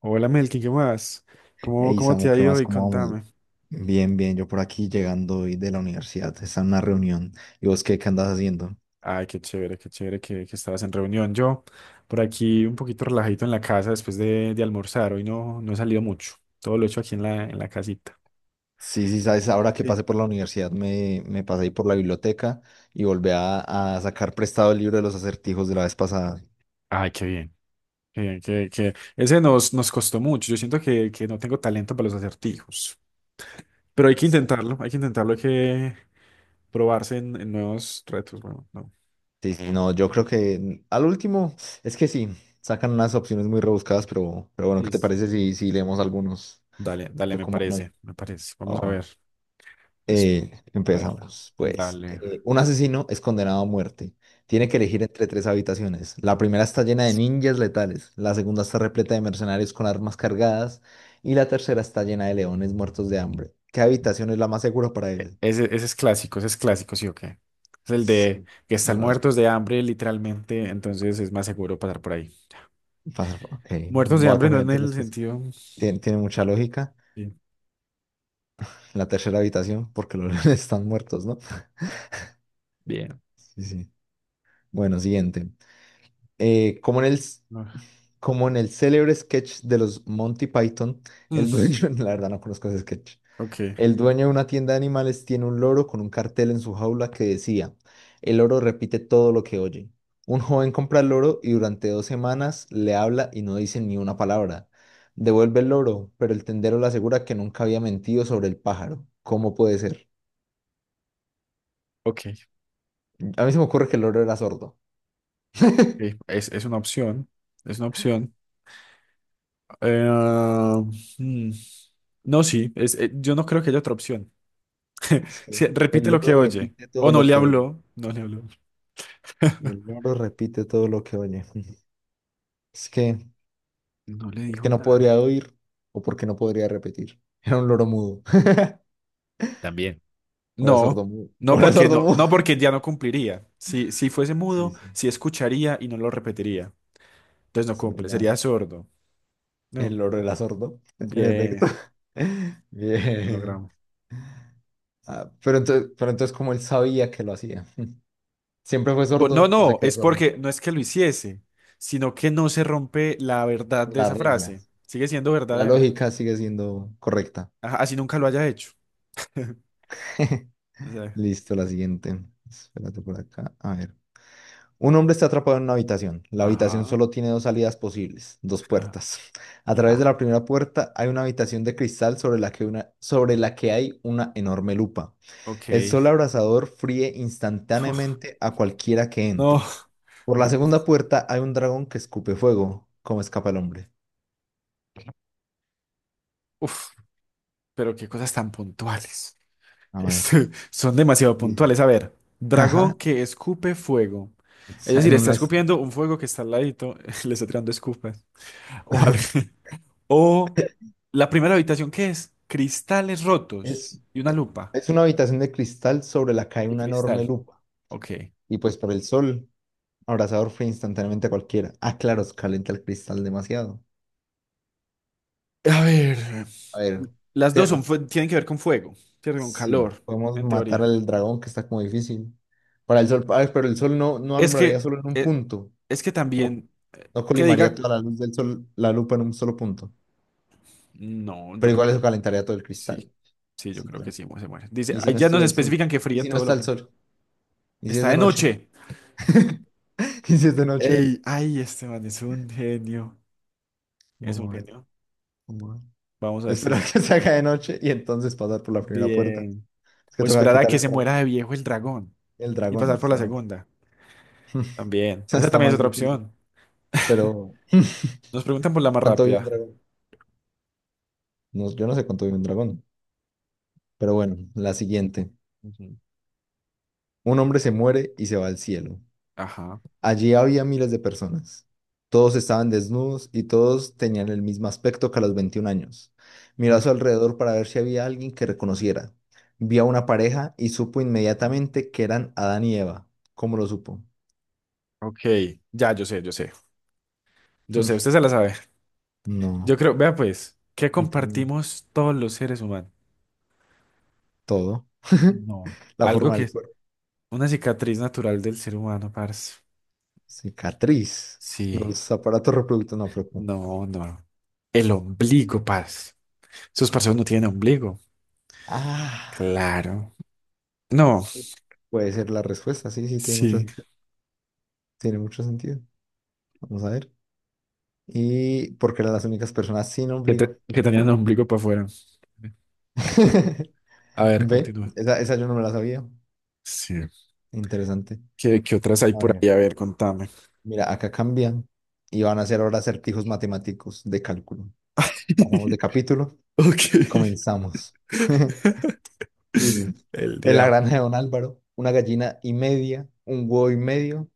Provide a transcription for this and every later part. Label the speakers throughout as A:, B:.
A: Hola Melkin, ¿qué más? ¿Cómo,
B: Hey
A: cómo te
B: Samu,
A: ha
B: ¿qué
A: ido
B: más?
A: hoy?
B: ¿Cómo vamos?
A: Contame.
B: Bien, bien, yo por aquí llegando hoy de la universidad, está en una reunión. ¿Y vos qué andas haciendo?
A: Ay, qué chévere que estabas en reunión. Yo por aquí un poquito relajadito en la casa después de almorzar. Hoy no, no he salido mucho. Todo lo he hecho aquí en la casita.
B: Sí, sí, sabes, ahora que
A: Sí.
B: pasé por la universidad me pasé ahí por la biblioteca y volví a sacar prestado el libro de los acertijos de la vez pasada.
A: Ay, qué bien. Qué bien, que ese nos costó mucho. Yo siento que no tengo talento para los acertijos. Pero hay que
B: Sí,
A: intentarlo, hay que intentarlo, hay que probarse en nuevos retos. Bueno, no.
B: sí, sí, no, yo creo que al último, es que sí, sacan unas opciones muy rebuscadas, pero, bueno, ¿qué te
A: Listo.
B: parece si leemos algunos?
A: Dale, dale,
B: Pero
A: me
B: como no hay.
A: parece, me parece. Vamos a ver. Pues, a ver.
B: Empezamos, pues.
A: Dale.
B: Un asesino es condenado a muerte. Tiene que elegir entre tres habitaciones. La primera está llena de ninjas letales, la segunda está repleta de mercenarios con armas cargadas y la tercera está llena de leones muertos de hambre. ¿Qué habitación es la más segura para él?
A: Ese es clásico, ese es clásico, sí o qué. Es el de
B: Sí,
A: que
B: yo
A: están
B: no la es-
A: muertos de hambre, literalmente, entonces es más seguro pasar por ahí.
B: pasa- ok.
A: Muertos de
B: Voy a
A: hambre no
B: confiar en
A: en
B: tu
A: el
B: respuesta.
A: sentido.
B: Tiene mucha lógica.
A: Sí,
B: La tercera habitación, porque los leones están muertos, ¿no?
A: bien.
B: Sí, sí. Bueno, siguiente. Eh, como en el
A: No.
B: Como en el célebre sketch de los Monty Python,
A: Mm,
B: el dueño, la verdad no conozco ese sketch,
A: ok,
B: el dueño de una tienda de animales tiene un loro con un cartel en su jaula que decía, el loro repite todo lo que oye. Un joven compra el loro y durante 2 semanas le habla y no dice ni una palabra. Devuelve el loro, pero el tendero le asegura que nunca había mentido sobre el pájaro. ¿Cómo puede ser?
A: ok,
B: A mí se me ocurre que el loro era sordo.
A: ok. Es una opción. Es una opción. Eh, mm, No, sí, yo no creo que haya otra opción.
B: Es que
A: Sí,
B: el
A: repite lo que
B: loro
A: oye.
B: repite todo
A: O no
B: lo
A: le
B: que oye.
A: habló. No le habló.
B: El loro repite todo lo que oye. Es que...
A: No le
B: que
A: dijo
B: no
A: nada.
B: podría oír o porque no podría repetir. Era un loro mudo,
A: También.
B: o era
A: No,
B: sordo mudo,
A: no
B: o era
A: porque
B: sordo
A: no,
B: mudo.
A: no porque ya no cumpliría. Si fuese
B: Sí,
A: mudo,
B: sí,
A: sí escucharía y no lo repetiría. Entonces no
B: es
A: cumple,
B: verdad.
A: sería sordo.
B: El
A: No.
B: loro era sordo, en
A: Bien,
B: efecto.
A: lo
B: Bien.
A: logramos.
B: Ah, pero entonces, ¿cómo él sabía que lo hacía? ¿Siempre fue
A: No,
B: sordo o se
A: no,
B: quedó
A: es
B: sordo?
A: porque no es que lo hiciese, sino que no se rompe la verdad de
B: Las
A: esa frase.
B: reglas.
A: Sigue siendo
B: La
A: verdadera.
B: lógica sigue siendo correcta.
A: Ajá, así nunca lo haya hecho. O sea,
B: Listo, la siguiente. Espérate por acá. A ver. Un hombre está atrapado en una habitación. La habitación
A: ajá,
B: solo tiene dos salidas posibles, dos
A: ajá,
B: puertas. A través de
A: ajá.
B: la primera puerta hay una habitación de cristal sobre la que hay una enorme lupa.
A: Ok.
B: El sol abrasador fríe instantáneamente a cualquiera que
A: No.
B: entre. Por la
A: Muy
B: segunda
A: difícil.
B: puerta hay un dragón que escupe fuego. ¿Cómo escapa el hombre?
A: Uf, pero qué cosas tan puntuales.
B: A ver,
A: Son demasiado
B: dice.
A: puntuales. A ver,
B: Ajá.
A: dragón que escupe fuego. Es decir,
B: En
A: está
B: una, es,
A: escupiendo un fuego que está al ladito, le está tirando escupas. O, al- o la primera habitación, ¿qué es? Cristales rotos
B: es
A: y una lupa
B: es una habitación de cristal sobre la que hay
A: de
B: una enorme
A: cristal.
B: lupa.
A: Ok.
B: Y pues por el sol. Abrazador fue instantáneamente a cualquiera. Ah, claro, calienta el cristal demasiado.
A: A ver,
B: A ver,
A: las dos
B: te-
A: tienen que ver con fuego, tienen con
B: sí,
A: calor,
B: podemos
A: en
B: matar
A: teoría.
B: al dragón que está como difícil. Para el sol, ah, pero el sol no, no
A: Es
B: alumbraría
A: que,
B: solo en un
A: eh,
B: punto.
A: es que
B: Como
A: también,
B: no
A: que
B: colimaría
A: diga,
B: toda la luz del sol, la lupa en un solo punto.
A: no, yo
B: Pero
A: creo
B: igual
A: que
B: eso calentaría todo el
A: sí.
B: cristal.
A: Sí, yo
B: Sí,
A: creo que
B: claro.
A: sí, se muere. Dice,
B: ¿Y si
A: ahí
B: no
A: ya nos
B: estuviera el sol?
A: especifican que
B: ¿Y
A: fría
B: si no
A: todo
B: está
A: lo
B: el
A: que
B: sol? ¿Y si es
A: está
B: de
A: de
B: noche?
A: noche.
B: ¿Y si es de noche?
A: Ey, ay, este man es un genio. Es un
B: Vamos a ver,
A: genio.
B: vamos a ver.
A: Vamos a ver si
B: Esperar
A: es
B: que se haga de noche y entonces pasar por la primera puerta.
A: bien.
B: Es que
A: O
B: toca
A: esperar a
B: quitar
A: que
B: el
A: se muera
B: dragón.
A: de viejo el dragón
B: El
A: y pasar
B: dragón.
A: por la segunda. También. Esa
B: Está
A: también es
B: más
A: otra
B: difícil.
A: opción.
B: Pero,
A: Nos preguntan por la más
B: ¿cuánto vive un
A: rápida.
B: dragón? No, yo no sé cuánto vive un dragón. Pero bueno, la siguiente.
A: Ujú.
B: Un hombre se muere y se va al cielo.
A: Ajá.
B: Allí había miles de personas. Todos estaban desnudos y todos tenían el mismo aspecto que a los 21 años. Miró a
A: Uf,
B: su alrededor para ver si había alguien que reconociera. Vio a una pareja y supo inmediatamente que eran Adán y Eva. ¿Cómo lo supo?
A: ok. Ya, yo sé, yo sé. Yo sé, usted se la sabe. Yo
B: No,
A: creo, vea pues, ¿qué
B: y te-
A: compartimos todos los seres humanos?
B: todo.
A: No.
B: La
A: Algo
B: forma
A: que
B: del
A: es
B: cuerpo.
A: una cicatriz natural del ser humano, parce.
B: Cicatriz.
A: Sí.
B: Los aparatos reproductores, no, pero ¿cómo?
A: No, no. El ombligo, parce. Esos parceros no tienen ombligo.
B: Ah,
A: Claro. No,
B: puede ser la respuesta, sí, sí, tiene mucho,
A: sí.
B: sen- tiene mucho sentido. Vamos a ver. Y porque eran las únicas personas sin
A: Que,
B: ombligo.
A: te- que tenían ombligo para afuera. A ver,
B: Ve,
A: continúa.
B: esa yo no me la sabía.
A: Sí.
B: Interesante.
A: ¿Qué otras hay
B: A
A: por ahí?
B: ver,
A: A ver, contame.
B: mira, acá cambian y van a hacer ahora acertijos matemáticos de cálculo. Pasamos de capítulo
A: Ok.
B: y comenzamos. Dice,
A: El
B: en la
A: diablo.
B: granja de Don Álvaro, una gallina y media, un huevo y medio.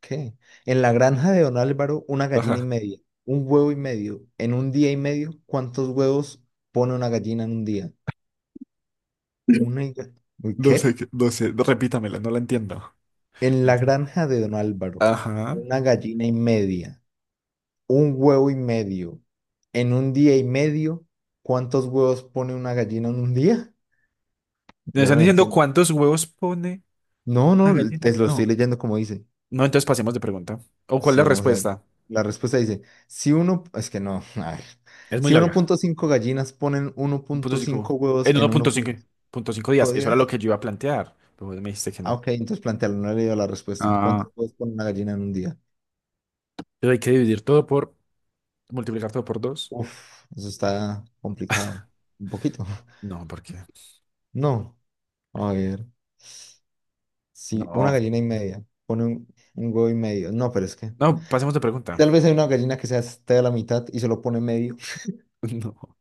B: ¿Qué? En la granja de Don Álvaro, una gallina y
A: Ajá.
B: media, un huevo y medio. En un día y medio, ¿cuántos huevos pone una gallina en un día? Una... y... ¿Uy,
A: No sé,
B: qué?
A: no sé. Repítamela, no la entiendo.
B: En
A: No
B: la
A: entiendo.
B: granja de Don Álvaro,
A: Ajá.
B: una gallina y media, un huevo y medio. En un día y medio, ¿cuántos huevos pone una gallina en un día?
A: ¿Me
B: Yo no
A: están
B: lo
A: diciendo
B: entiendo.
A: cuántos huevos pone
B: No,
A: una
B: no,
A: gallina?
B: te lo estoy
A: No.
B: leyendo como dice.
A: No, entonces pasemos de pregunta. ¿O cuál es la
B: Sí, vamos a ver.
A: respuesta?
B: La respuesta dice, si uno, es que no, a ver,
A: Es muy
B: si uno
A: larga.
B: punto cinco gallinas ponen uno
A: Punto
B: punto cinco
A: cinco
B: huevos
A: en
B: en
A: 1.5, punto cinco
B: 1.5
A: días. Eso era lo
B: días.
A: que yo iba a plantear. Pero vos me dijiste que
B: Ah,
A: no.
B: ok, entonces plantealo, no he leído la respuesta.
A: Ah,
B: ¿Cuántos huevos pone una gallina en un día?
A: pero hay que dividir todo por... Multiplicar todo por dos.
B: Uf, eso está complicado, un poquito.
A: No, ¿por qué?
B: No, a ver, si una
A: No.
B: gallina y media pone un huevo y medio, no, pero es que
A: No, pasemos de pregunta.
B: tal vez hay una gallina que se esté a la mitad y solo pone medio.
A: No.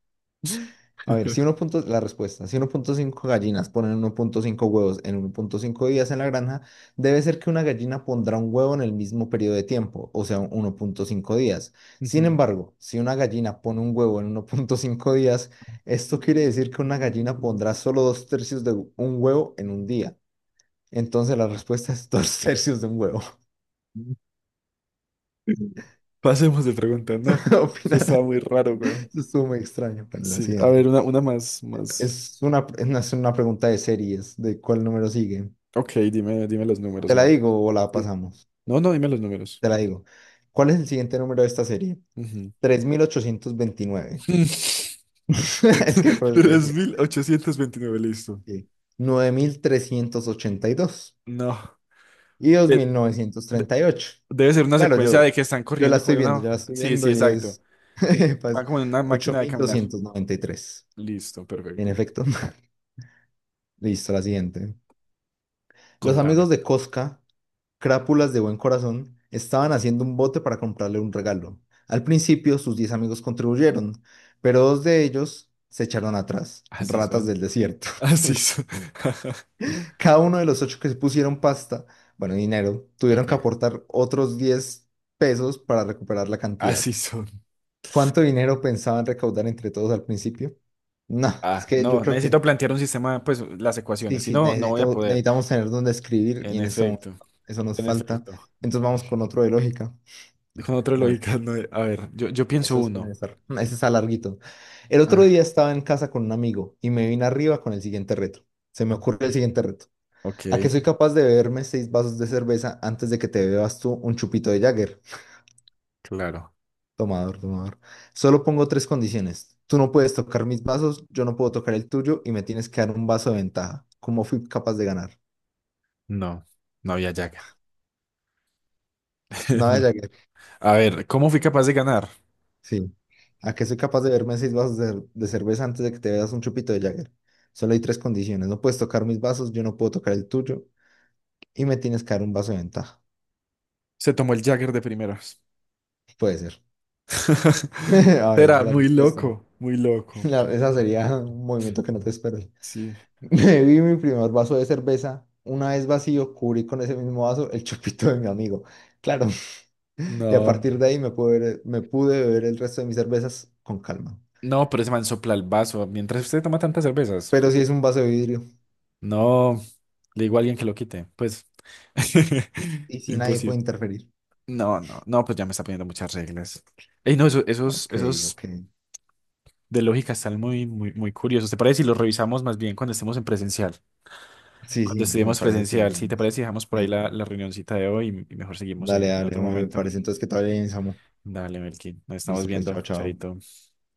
B: A ver, si uno punto, la respuesta, si uno punto cinco gallinas ponen uno punto cinco huevos en uno punto cinco días en la granja, debe ser que una gallina pondrá un huevo en el mismo periodo de tiempo, o sea, 1.5 días. Sin
A: Ujú.
B: embargo, si una gallina pone un huevo en 1.5 días, esto quiere decir que una gallina pondrá solo dos tercios de un huevo en un día. Entonces la respuesta es dos tercios de un huevo.
A: Pasemos de pregunta, no.
B: ¿Qué
A: Eso estaba
B: opinas?
A: muy raro, güey.
B: Eso estuvo muy extraño para la
A: Sí, a
B: siguiente.
A: ver, una más, más.
B: Es una pregunta de series, de cuál número sigue.
A: Ok, dime, dime los números,
B: ¿Te
A: a
B: la
A: ver.
B: digo o la
A: Sí.
B: pasamos?
A: No, no, dime los números.
B: Te la digo. ¿Cuál es el siguiente número de esta serie?
A: Ujú.
B: 3829. Es que por eso te
A: tres
B: decía.
A: mil ochocientos veintinueve Listo.
B: Sí. 9382
A: No.
B: y
A: Eh,
B: mil novecientos
A: de-
B: treinta y ocho.
A: Debe ser una
B: Claro,
A: secuencia de que están
B: yo la
A: corriendo como
B: estoy
A: en
B: viendo,
A: una...
B: yo la estoy
A: Sí, sí,
B: viendo y
A: exacto.
B: es
A: Van
B: pues,
A: como en una
B: ocho
A: máquina de
B: mil
A: caminar.
B: doscientos noventa y tres.
A: Listo,
B: En
A: perfecto.
B: efecto. Listo, la siguiente. Los amigos
A: Contame.
B: de Cosca Crápulas de buen corazón, estaban haciendo un bote para comprarle un regalo. Al principio sus 10 amigos contribuyeron, pero dos de ellos se echaron atrás,
A: Así
B: ratas
A: son.
B: del desierto.
A: Así
B: Uy.
A: son.
B: Cada uno de los ocho que se pusieron pasta, bueno, dinero, tuvieron que
A: Ok.
B: aportar otros 10 pesos para recuperar la cantidad.
A: Así son.
B: ¿Cuánto dinero pensaban recaudar entre todos al principio? No, es
A: Ah,
B: que yo
A: no,
B: creo
A: necesito
B: que
A: plantear un sistema, pues las
B: sí,
A: ecuaciones. Si
B: sí,
A: no, no voy a
B: necesitamos,
A: poder.
B: necesitamos tener donde escribir y
A: En
B: en este momento
A: efecto,
B: eso nos
A: en
B: falta.
A: efecto.
B: Entonces vamos con otro de lógica.
A: Con otra
B: A ver.
A: lógica, no. A ver, yo pienso
B: Esos pueden
A: uno.
B: estar. Ese está larguito. El otro
A: Ah,
B: día estaba en casa con un amigo y me vine arriba con el siguiente reto. Se me ocurre el siguiente reto.
A: ok,
B: ¿A que soy capaz de beberme seis vasos de cerveza antes de que te bebas tú un chupito de Jagger?
A: claro.
B: Tomador, tomador. Solo pongo tres condiciones. Tú no puedes tocar mis vasos, yo no puedo tocar el tuyo y me tienes que dar un vaso de ventaja. ¿Cómo fui capaz de ganar?
A: No, no había Jagger.
B: Nada de
A: No.
B: Jagger.
A: A ver, ¿cómo fui capaz de ganar?
B: Sí. ¿A que soy capaz de beberme seis vasos de cerveza antes de que te bebas un chupito de Jagger? Solo hay tres condiciones. No puedes tocar mis vasos, yo no puedo tocar el tuyo y me tienes que dar un vaso de ventaja.
A: Se tomó el Jagger de primeras.
B: Puede ser. A ver,
A: Será
B: la
A: muy
B: respuesta.
A: loco, muy loco.
B: Esa sería un movimiento que no te esperas.
A: Sí.
B: Bebí mi primer vaso de cerveza. Una vez vacío, cubrí con ese mismo vaso el chupito de mi amigo. Claro. Y a
A: No,
B: partir de ahí me pude beber el resto de mis cervezas con calma.
A: no, pero ese man sopla el vaso. Mientras usted toma tantas cervezas.
B: Pero si es un vaso de vidrio
A: No, le digo a alguien que lo quite. Pues.
B: y si nadie puede
A: Imposible.
B: interferir.
A: No, no, no, pues ya me está poniendo muchas reglas. Ey, no, eso- esos,
B: Ok,
A: esos
B: ok.
A: de lógica están muy, muy, muy curiosos. ¿Te parece si los revisamos más bien cuando estemos en presencial?
B: Sí,
A: Cuando
B: sí, me
A: estudiemos
B: parece que
A: presencial, ¿sí te
B: deberíamos.
A: parece? Si dejamos por ahí
B: Epa.
A: la reunioncita de hoy y mejor seguimos
B: Dale,
A: en
B: dale,
A: otro
B: me
A: momento.
B: parece entonces que todavía bien, Samu.
A: Dale, Melkin, nos estamos
B: Listo, pues,
A: viendo.
B: chao, chao.
A: Chaito.